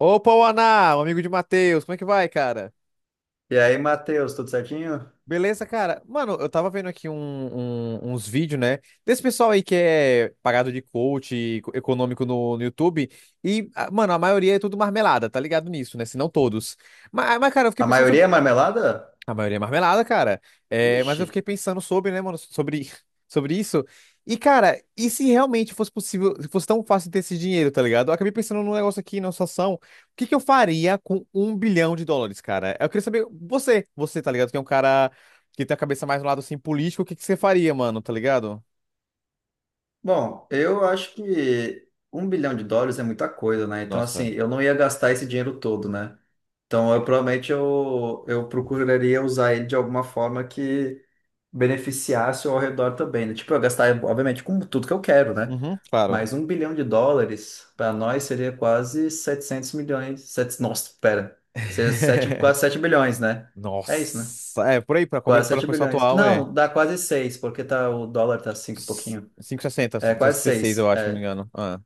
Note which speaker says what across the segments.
Speaker 1: Opa, o Aná, o amigo de Matheus, como é que vai, cara?
Speaker 2: E aí, Matheus, tudo certinho?
Speaker 1: Beleza, cara? Mano, eu tava vendo aqui uns vídeos, né? Desse pessoal aí que é pagado de coach e econômico no YouTube. E, ah, mano, a maioria é tudo marmelada, tá ligado nisso, né? Se não todos. Mas, cara, eu fiquei
Speaker 2: A
Speaker 1: pensando.
Speaker 2: maioria é marmelada?
Speaker 1: A maioria é marmelada, cara. É, mas
Speaker 2: Ixi.
Speaker 1: eu fiquei pensando sobre, né, mano, sobre, sobre isso. E, cara, e se realmente fosse possível, se fosse tão fácil ter esse dinheiro, tá ligado? Eu acabei pensando num negócio aqui, numa situação. O que que eu faria com 1 bilhão de dólares, cara? Eu queria saber, você, tá ligado? Que é um cara que tem a cabeça mais no lado, assim, político, o que que você faria, mano, tá ligado?
Speaker 2: Bom, eu acho que US$ 1 bilhão é muita coisa, né? Então, assim,
Speaker 1: Nossa.
Speaker 2: eu não ia gastar esse dinheiro todo, né? Então, eu provavelmente eu procuraria usar ele de alguma forma que beneficiasse ao redor também, né? Tipo, eu gastar, obviamente, com tudo que eu quero, né?
Speaker 1: Uhum, claro.
Speaker 2: Mas um bilhão de dólares, para nós, seria quase 700 milhões. Sete, nossa, pera. Seria sete, quase 7 bilhões, né? É isso, né?
Speaker 1: Nossa. É, por aí,
Speaker 2: Quase
Speaker 1: pela
Speaker 2: 7
Speaker 1: conversão
Speaker 2: bilhões.
Speaker 1: atual, é
Speaker 2: Não, dá quase 6 porque tá, o dólar tá 5 e pouquinho.
Speaker 1: cinco e sessenta
Speaker 2: É, quase
Speaker 1: sessenta e seis, eu
Speaker 2: seis.
Speaker 1: acho, se não me
Speaker 2: É.
Speaker 1: engano. Ah.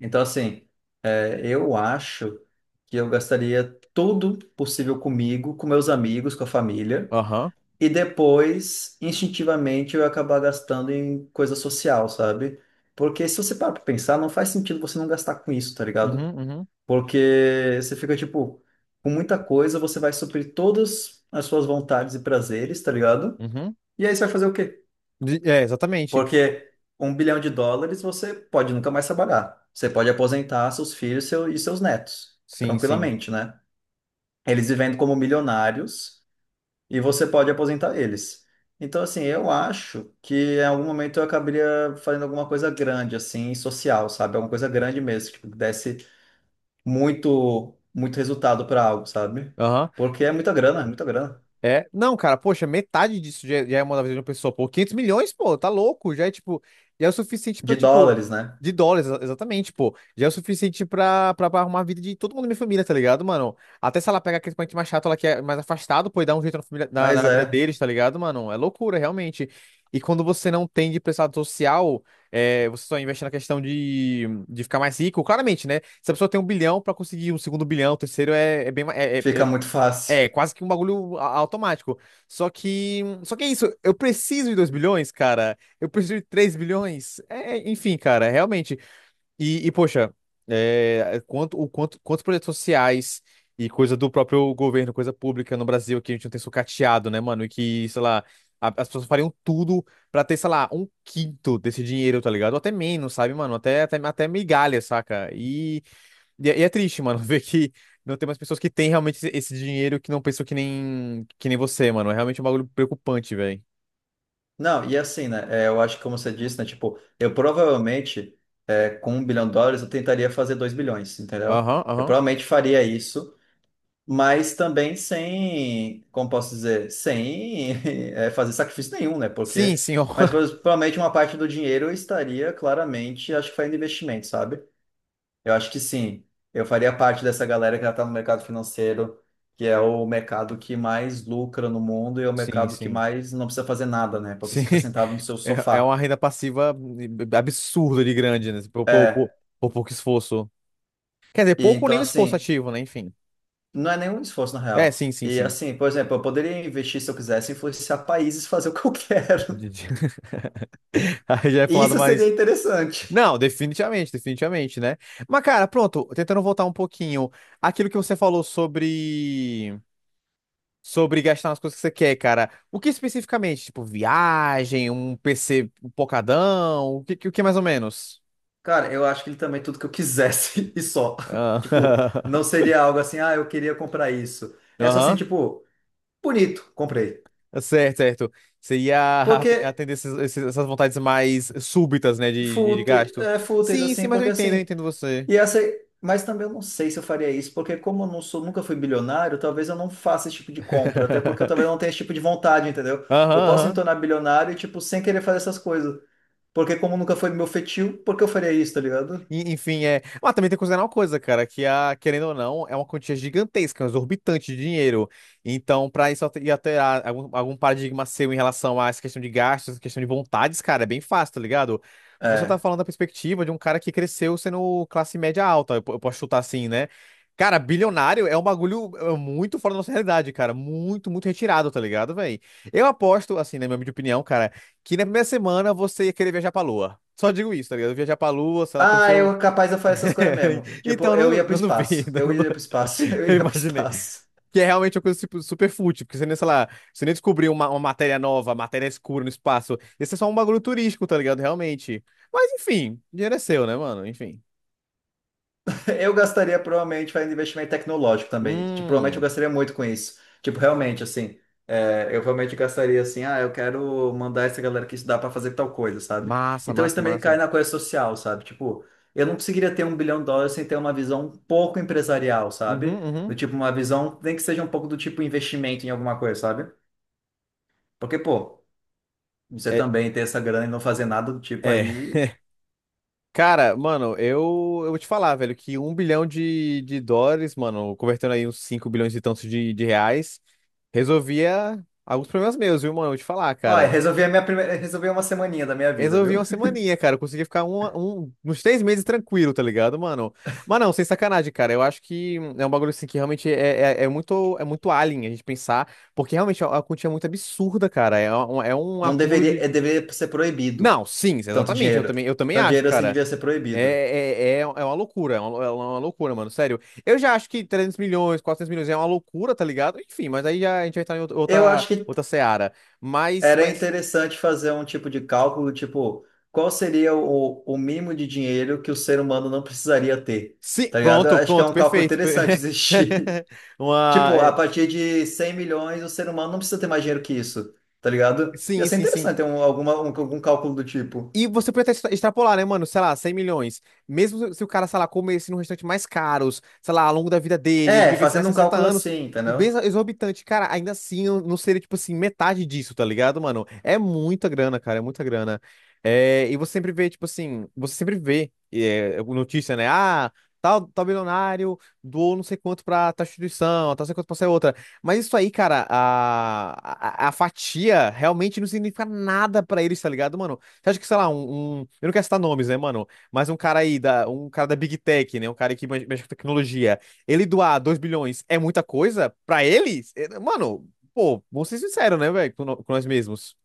Speaker 2: Então, assim, é, eu acho que eu gastaria tudo possível comigo, com meus amigos, com a família.
Speaker 1: Aham.
Speaker 2: E depois, instintivamente, eu ia acabar gastando em coisa social, sabe? Porque se você parar pra pensar, não faz sentido você não gastar com isso, tá ligado?
Speaker 1: Uhum, uhum,
Speaker 2: Porque você fica, tipo, com muita coisa, você vai suprir todas as suas vontades e prazeres, tá ligado?
Speaker 1: uhum.
Speaker 2: E aí você vai fazer o quê?
Speaker 1: É, exatamente.
Speaker 2: Porque US$ 1 bilhão você pode nunca mais trabalhar. Você pode aposentar seus filhos seu- e seus netos,
Speaker 1: Sim, sim.
Speaker 2: tranquilamente, né? Eles vivendo como milionários e você pode aposentar eles. Então, assim, eu acho que em algum momento eu acabaria fazendo alguma coisa grande, assim, social, sabe? Alguma coisa grande mesmo, tipo, que tipo, desse muito, muito resultado para algo, sabe?
Speaker 1: Aham.
Speaker 2: Porque é muita grana, é muita grana.
Speaker 1: É, não, cara, poxa, metade disso já é uma da vida de uma pessoa, pô, 500 milhões, pô, tá louco, já é, tipo, já é o suficiente pra,
Speaker 2: De
Speaker 1: tipo,
Speaker 2: dólares, né?
Speaker 1: de dólares, exatamente, pô, já é o suficiente pra, arrumar a vida de todo mundo da minha família, tá ligado, mano? Até se ela pega aquele parente mais chato, ela que é mais afastado, pô, e dá um jeito na família, na
Speaker 2: Mas
Speaker 1: vida
Speaker 2: é,
Speaker 1: deles, tá ligado, mano? É loucura, realmente. E quando você não tem de prestado social, é, você só investe na questão de ficar mais rico, claramente, né? Se a pessoa tem 1 bilhão, pra conseguir um segundo bilhão, o terceiro é, é bem, ma- é, é- é
Speaker 2: fica muito fácil.
Speaker 1: é, quase que um bagulho automático. Só que. Só que é isso. Eu preciso de 2 bilhões, cara. Eu preciso de 3 bilhões. É, enfim, cara, realmente. E, poxa, é, quantos projetos sociais e coisa do próprio governo, coisa pública no Brasil que a gente não tem sucateado, né, mano? E que, sei lá, as pessoas fariam tudo pra ter, sei lá, um quinto desse dinheiro, tá ligado? Ou até menos, sabe, mano? Até migalha, saca? E é triste, mano, ver que não tem mais pessoas que têm realmente esse dinheiro, que não pensam que nem você, mano. É realmente um bagulho preocupante, velho.
Speaker 2: Não, e assim, né? É, eu acho que, como você disse, né? Tipo, eu provavelmente, é, com US$ 1 bilhão, eu tentaria fazer 2 bilhões, entendeu?
Speaker 1: Aham,
Speaker 2: Eu
Speaker 1: aham.
Speaker 2: provavelmente faria isso, mas também sem, como posso dizer, sem é, fazer sacrifício nenhum, né?
Speaker 1: Sim,
Speaker 2: Porque,
Speaker 1: sim, ó.
Speaker 2: mas pro- provavelmente uma parte do dinheiro eu estaria claramente, acho que fazendo investimento, sabe? Eu acho que sim. Eu faria parte dessa galera que já está no mercado financeiro, que é o mercado que mais lucra no mundo e é o
Speaker 1: Sim,
Speaker 2: mercado que
Speaker 1: sim.
Speaker 2: mais não precisa fazer nada, né? Porque
Speaker 1: Sim.
Speaker 2: você fica sentado no seu
Speaker 1: É uma
Speaker 2: sofá.
Speaker 1: renda passiva absurda de grande, né? Por, por, por-
Speaker 2: É.
Speaker 1: por pouco esforço. Quer dizer,
Speaker 2: E
Speaker 1: pouco
Speaker 2: então,
Speaker 1: nem o esforço
Speaker 2: assim,
Speaker 1: ativo, né? Enfim.
Speaker 2: não é nenhum esforço, na
Speaker 1: É,
Speaker 2: real.
Speaker 1: sim, sim,
Speaker 2: E
Speaker 1: sim.
Speaker 2: assim, por exemplo, eu poderia investir se eu quisesse, influenciar países, fazer o que eu quero.
Speaker 1: De- de- Aí já é falado
Speaker 2: Isso seria
Speaker 1: mais.
Speaker 2: interessante.
Speaker 1: Não, definitivamente, definitivamente, né? Mas, cara, pronto, tentando voltar um pouquinho. Aquilo que você falou sobre. Sobre gastar nas coisas que você quer, cara. O que especificamente? Tipo, viagem, um PC pocadão? O o que mais ou menos?
Speaker 2: Cara, eu acho que ele também tudo que eu quisesse e só. Tipo,
Speaker 1: Ah,
Speaker 2: não seria algo assim, ah, eu queria comprar isso. É só assim,
Speaker 1: aham.
Speaker 2: tipo, bonito, comprei.
Speaker 1: Certo, certo. Você ia
Speaker 2: Porque
Speaker 1: atender essas vontades mais súbitas, né, de
Speaker 2: fúteis,
Speaker 1: gasto.
Speaker 2: é, fúteis,
Speaker 1: Sim, sim,
Speaker 2: assim,
Speaker 1: mas eu
Speaker 2: porque
Speaker 1: entendo, eu
Speaker 2: assim,
Speaker 1: entendo você.
Speaker 2: e essa, mas também eu não sei se eu faria isso, porque como eu não sou, nunca fui bilionário, talvez eu não faça esse tipo de compra, até porque eu talvez não tenha esse tipo de vontade, entendeu?
Speaker 1: Aham,
Speaker 2: Eu posso me
Speaker 1: aham.
Speaker 2: tornar bilionário, tipo, sem querer fazer essas coisas, porque como nunca foi meu feitio, por que eu faria isso, tá ligado?
Speaker 1: Enfim, é. Mas também tem que considerar uma coisa, cara, que a, querendo ou não, é uma quantia gigantesca, um exorbitante de dinheiro. Então, pra isso alterar algum paradigma seu em relação a essa questão de gastos, essa questão de vontades, cara, é bem fácil, tá ligado? Você tá
Speaker 2: É.
Speaker 1: falando da perspectiva de um cara que cresceu sendo classe média alta, eu posso chutar assim, né? Cara, bilionário é um bagulho, muito fora da nossa realidade, cara. Muito, muito retirado, tá ligado, velho? Eu aposto, assim, na minha humilde opinião, cara, que na primeira semana você ia querer viajar pra Lua. Só digo isso, tá ligado? Viajar pra Lua, sei lá, conhecer
Speaker 2: Ah,
Speaker 1: o...
Speaker 2: eu capaz de fazer essas coisas mesmo. Tipo,
Speaker 1: Então, eu
Speaker 2: eu
Speaker 1: não,
Speaker 2: ia pro
Speaker 1: não
Speaker 2: espaço,
Speaker 1: duvido, eu
Speaker 2: eu
Speaker 1: não du-
Speaker 2: iria pro espaço, eu
Speaker 1: Eu
Speaker 2: iria pro
Speaker 1: imaginei.
Speaker 2: espaço.
Speaker 1: Que é realmente uma coisa tipo super fútil, porque você nem, sei lá, você nem descobriu uma matéria nova, matéria escura no espaço. Esse é só um bagulho turístico, tá ligado? Realmente. Mas, enfim, dinheiro é seu, né, mano? Enfim.
Speaker 2: Eu gastaria provavelmente fazendo investimento tecnológico também. Tipo, provavelmente eu
Speaker 1: Hum,
Speaker 2: gastaria muito com isso. Tipo, realmente, assim, é, eu realmente gastaria assim, ah, eu quero mandar essa galera que estudar para fazer tal coisa, sabe?
Speaker 1: massa,
Speaker 2: Então isso
Speaker 1: massa,
Speaker 2: também cai
Speaker 1: massa.
Speaker 2: na coisa social, sabe? Tipo, eu não conseguiria ter US$ 1 bilhão sem ter uma visão um pouco empresarial, sabe?
Speaker 1: Uhum,
Speaker 2: Do
Speaker 1: uhum.
Speaker 2: tipo, uma visão, nem que seja um pouco do tipo investimento em alguma coisa, sabe? Porque, pô, você
Speaker 1: É,
Speaker 2: também ter essa grana e não fazer nada do tipo
Speaker 1: é.
Speaker 2: aí.
Speaker 1: Cara, mano, eu vou te falar, velho, que 1 bilhão de dólares, mano, convertendo aí uns 5 bilhões e tantos de reais, resolvia alguns problemas meus, viu, mano? Eu vou te falar,
Speaker 2: Olha,
Speaker 1: cara.
Speaker 2: resolvi a minha primeira, resolvi uma semaninha da minha vida,
Speaker 1: Resolvi
Speaker 2: viu?
Speaker 1: uma semaninha, cara. Eu consegui ficar uns 3 meses tranquilo, tá ligado, mano? Mas não, sem sacanagem, cara. Eu acho que é um bagulho assim que realmente é muito alien a gente pensar, porque realmente a quantia é muito absurda, cara. É um
Speaker 2: Não
Speaker 1: acúmulo de.
Speaker 2: deveria, é, deveria ser proibido.
Speaker 1: Não, sim,
Speaker 2: Tanto
Speaker 1: exatamente. Eu
Speaker 2: dinheiro.
Speaker 1: também, eu também
Speaker 2: Tanto
Speaker 1: acho,
Speaker 2: dinheiro assim
Speaker 1: cara.
Speaker 2: devia ser
Speaker 1: É,
Speaker 2: proibido.
Speaker 1: é uma loucura, é uma loucura, mano, sério. Eu já acho que 300 milhões, 400 milhões é uma loucura, tá ligado? Enfim, mas aí já, a gente vai estar em outra,
Speaker 2: Eu
Speaker 1: outra,
Speaker 2: acho que
Speaker 1: outra seara. Mas,
Speaker 2: era
Speaker 1: mas,
Speaker 2: interessante fazer um tipo de cálculo, tipo, qual seria o mínimo de dinheiro que o ser humano não precisaria ter,
Speaker 1: sim,
Speaker 2: tá ligado? Eu
Speaker 1: pronto,
Speaker 2: acho que é
Speaker 1: pronto,
Speaker 2: um cálculo
Speaker 1: perfeito.
Speaker 2: interessante existir.
Speaker 1: Uma,
Speaker 2: Tipo, a
Speaker 1: é,
Speaker 2: partir de 100 milhões, o ser humano não precisa ter mais dinheiro que isso, tá ligado? Ia
Speaker 1: sim,
Speaker 2: ser
Speaker 1: sim, sim.
Speaker 2: interessante ter algum cálculo do tipo.
Speaker 1: E você pode até extrapolar, né, mano? Sei lá, 100 milhões. Mesmo se o cara, sei lá, comesse num restaurante mais caros, sei lá, ao longo da vida dele, ele
Speaker 2: É,
Speaker 1: vivesse mais
Speaker 2: fazendo um
Speaker 1: 60
Speaker 2: cálculo
Speaker 1: anos,
Speaker 2: assim,
Speaker 1: e bem
Speaker 2: entendeu?
Speaker 1: exorbitante, cara, ainda assim não seria, tipo assim, metade disso, tá ligado, mano? É muita grana, cara, é muita grana. É, e você sempre vê, tipo assim, você sempre vê, notícia, né? Ah, tal bilionário doou não sei quanto pra tal instituição, tal não sei quanto pra essa outra. Mas isso aí, cara, a fatia realmente não significa nada pra eles, tá ligado, mano? Você acha que, sei lá, eu não quero citar nomes, né, mano? Mas um cara aí, um cara da Big Tech, né? Um cara que mexe com tecnologia. Ele doar 2 bilhões é muita coisa pra ele? É, mano, pô, vamos ser sinceros, né, velho? Com, no- com nós mesmos.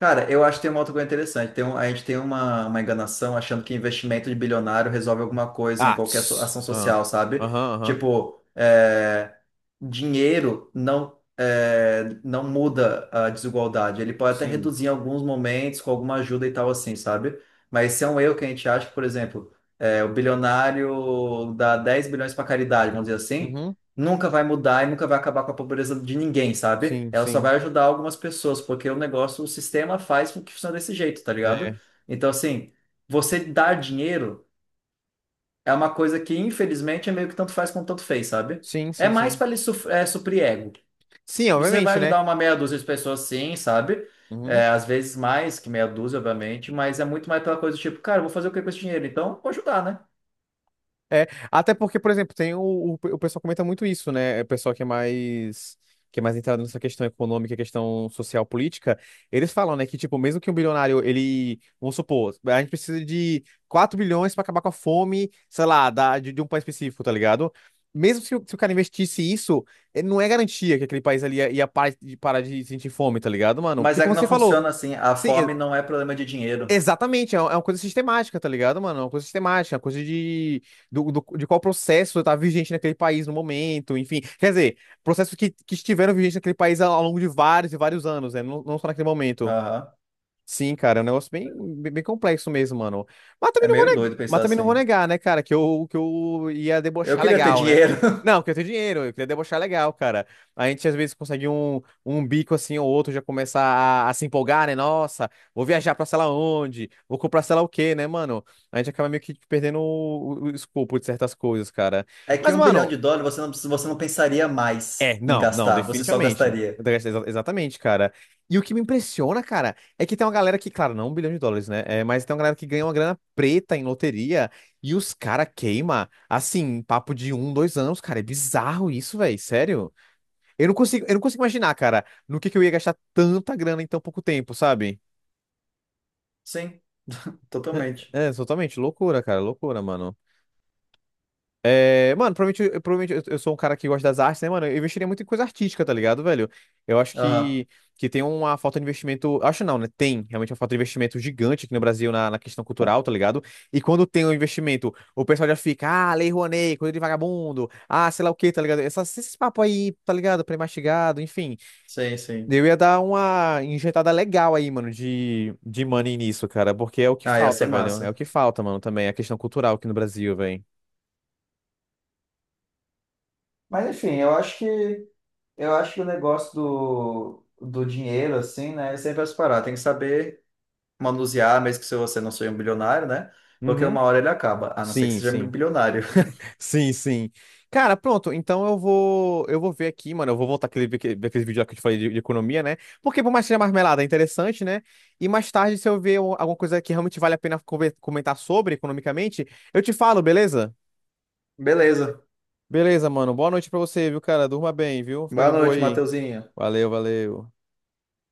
Speaker 2: Cara, eu acho que tem uma outra coisa interessante. A gente tem uma enganação achando que investimento de bilionário resolve alguma coisa em
Speaker 1: Ah,
Speaker 2: qualquer
Speaker 1: tss.
Speaker 2: ação
Speaker 1: Ah,
Speaker 2: social, sabe?
Speaker 1: aham, aham.
Speaker 2: Tipo, é, dinheiro não, é, não muda a desigualdade. Ele pode até
Speaker 1: Sim.
Speaker 2: reduzir em alguns momentos com alguma ajuda e tal assim, sabe? Mas esse é um erro que a gente acha que, por exemplo, é, o bilionário dá 10 bilhões para caridade, vamos dizer assim,
Speaker 1: Uhum.
Speaker 2: nunca vai mudar e nunca vai acabar com a pobreza de ninguém, sabe?
Speaker 1: Sim,
Speaker 2: Ela só
Speaker 1: sim.
Speaker 2: vai ajudar algumas pessoas, porque o negócio, o sistema faz com que funcione desse jeito, tá ligado?
Speaker 1: É.
Speaker 2: Então, assim, você dar dinheiro é uma coisa que, infelizmente, é meio que tanto faz como tanto fez, sabe?
Speaker 1: Sim,
Speaker 2: É
Speaker 1: sim,
Speaker 2: mais
Speaker 1: sim.
Speaker 2: para ele suprir ego.
Speaker 1: Sim,
Speaker 2: Você vai
Speaker 1: obviamente, né?
Speaker 2: ajudar uma meia dúzia de pessoas, sim, sabe?
Speaker 1: Uhum.
Speaker 2: É, às vezes mais que meia dúzia, obviamente, mas é muito mais pela coisa do tipo, cara, eu vou fazer o que com esse dinheiro? Então, vou ajudar, né?
Speaker 1: É, até porque, por exemplo, tem o pessoal comenta muito isso, né? O pessoal que é mais entrado nessa questão econômica, questão social, política, eles falam, né, que tipo, mesmo que um bilionário, ele, vamos supor, a gente precisa de 4 bilhões para acabar com a fome, sei lá, de um país específico, tá ligado? Mesmo se o cara investisse isso, não é garantia que aquele país ali ia parar de, sentir fome, tá ligado, mano?
Speaker 2: Mas
Speaker 1: Porque
Speaker 2: é
Speaker 1: como
Speaker 2: que não
Speaker 1: você falou,
Speaker 2: funciona assim. A
Speaker 1: sim,
Speaker 2: fome não é problema de dinheiro.
Speaker 1: exatamente, é uma coisa sistemática, tá ligado, mano? É uma coisa sistemática, é uma coisa de, de qual processo tá vigente naquele país no momento, enfim. Quer dizer, processos que estiveram vigentes naquele país ao longo de vários e vários anos, né? Não, não só naquele momento.
Speaker 2: Aham.
Speaker 1: Sim, cara, é um negócio bem, bem bem complexo mesmo, mano. Mas
Speaker 2: É
Speaker 1: também não vou
Speaker 2: meio
Speaker 1: negar,
Speaker 2: doido
Speaker 1: mas
Speaker 2: pensar
Speaker 1: também não vou
Speaker 2: assim.
Speaker 1: negar, né, cara, que eu ia
Speaker 2: Eu
Speaker 1: debochar
Speaker 2: queria ter
Speaker 1: legal, né?
Speaker 2: dinheiro.
Speaker 1: Não, que eu tenho dinheiro, eu queria debochar legal, cara. A gente às vezes consegue um bico assim ou outro, já começa a se empolgar, né? Nossa, vou viajar pra sei lá onde, vou comprar sei lá o quê, né, mano? A gente acaba meio que perdendo o, o escopo de certas coisas, cara.
Speaker 2: É que
Speaker 1: Mas,
Speaker 2: um bilhão
Speaker 1: mano,
Speaker 2: de dólares você não pensaria mais
Speaker 1: é,
Speaker 2: em
Speaker 1: não, não,
Speaker 2: gastar, você só
Speaker 1: definitivamente.
Speaker 2: gastaria.
Speaker 1: Exatamente, cara. E o que me impressiona, cara, é que tem uma galera que, claro, não 1 bilhão de dólares, né? É, mas tem uma galera que ganha uma grana preta em loteria e os cara queima, assim, papo de um, dois anos, cara. É bizarro isso, velho. Sério. Eu não consigo imaginar, cara, no que eu ia gastar tanta grana em tão pouco tempo, sabe?
Speaker 2: Sim, totalmente.
Speaker 1: É, totalmente loucura, cara. Loucura, mano. É, mano, provavelmente, eu sou um cara que gosta das artes, né, mano? Eu investiria muito em coisa artística, tá ligado, velho? Eu acho
Speaker 2: Aham,
Speaker 1: que tem uma falta de investimento. Acho não, né? Tem realmente uma falta de investimento gigante aqui no Brasil na questão cultural, tá ligado? E quando tem um investimento, o pessoal já fica, ah, Lei Rouanet, coisa de vagabundo, ah, sei lá o quê, tá ligado? Essas, esses papos aí, tá ligado? Pré-mastigado, enfim.
Speaker 2: sim, sim.
Speaker 1: Eu ia dar uma injetada legal aí, mano, de money nisso, cara, porque é o que
Speaker 2: Ah, ia
Speaker 1: falta,
Speaker 2: ser
Speaker 1: velho. É o
Speaker 2: massa.
Speaker 1: que falta, mano, também, a questão cultural aqui no Brasil, velho.
Speaker 2: Mas enfim, eu acho que o negócio do dinheiro, assim, né? É sempre as paradas. Tem que saber manusear, mesmo que se você não seja um bilionário, né? Porque uma
Speaker 1: Uhum.
Speaker 2: hora ele acaba, a não ser que
Speaker 1: Sim,
Speaker 2: seja
Speaker 1: sim.
Speaker 2: bilionário.
Speaker 1: Sim, sim. Cara, pronto. Então eu vou, ver aqui, mano. Eu vou voltar ver aquele vídeo lá que eu te falei de economia, né? Porque por mais que seja marmelada, é interessante, né? E mais tarde, se eu ver alguma coisa que realmente vale a pena comentar sobre economicamente, eu te falo, beleza?
Speaker 2: Beleza.
Speaker 1: Beleza, mano. Boa noite pra você, viu, cara? Durma bem, viu? Fica de
Speaker 2: Boa
Speaker 1: boa
Speaker 2: noite,
Speaker 1: aí.
Speaker 2: Mateuzinho.
Speaker 1: Valeu, valeu.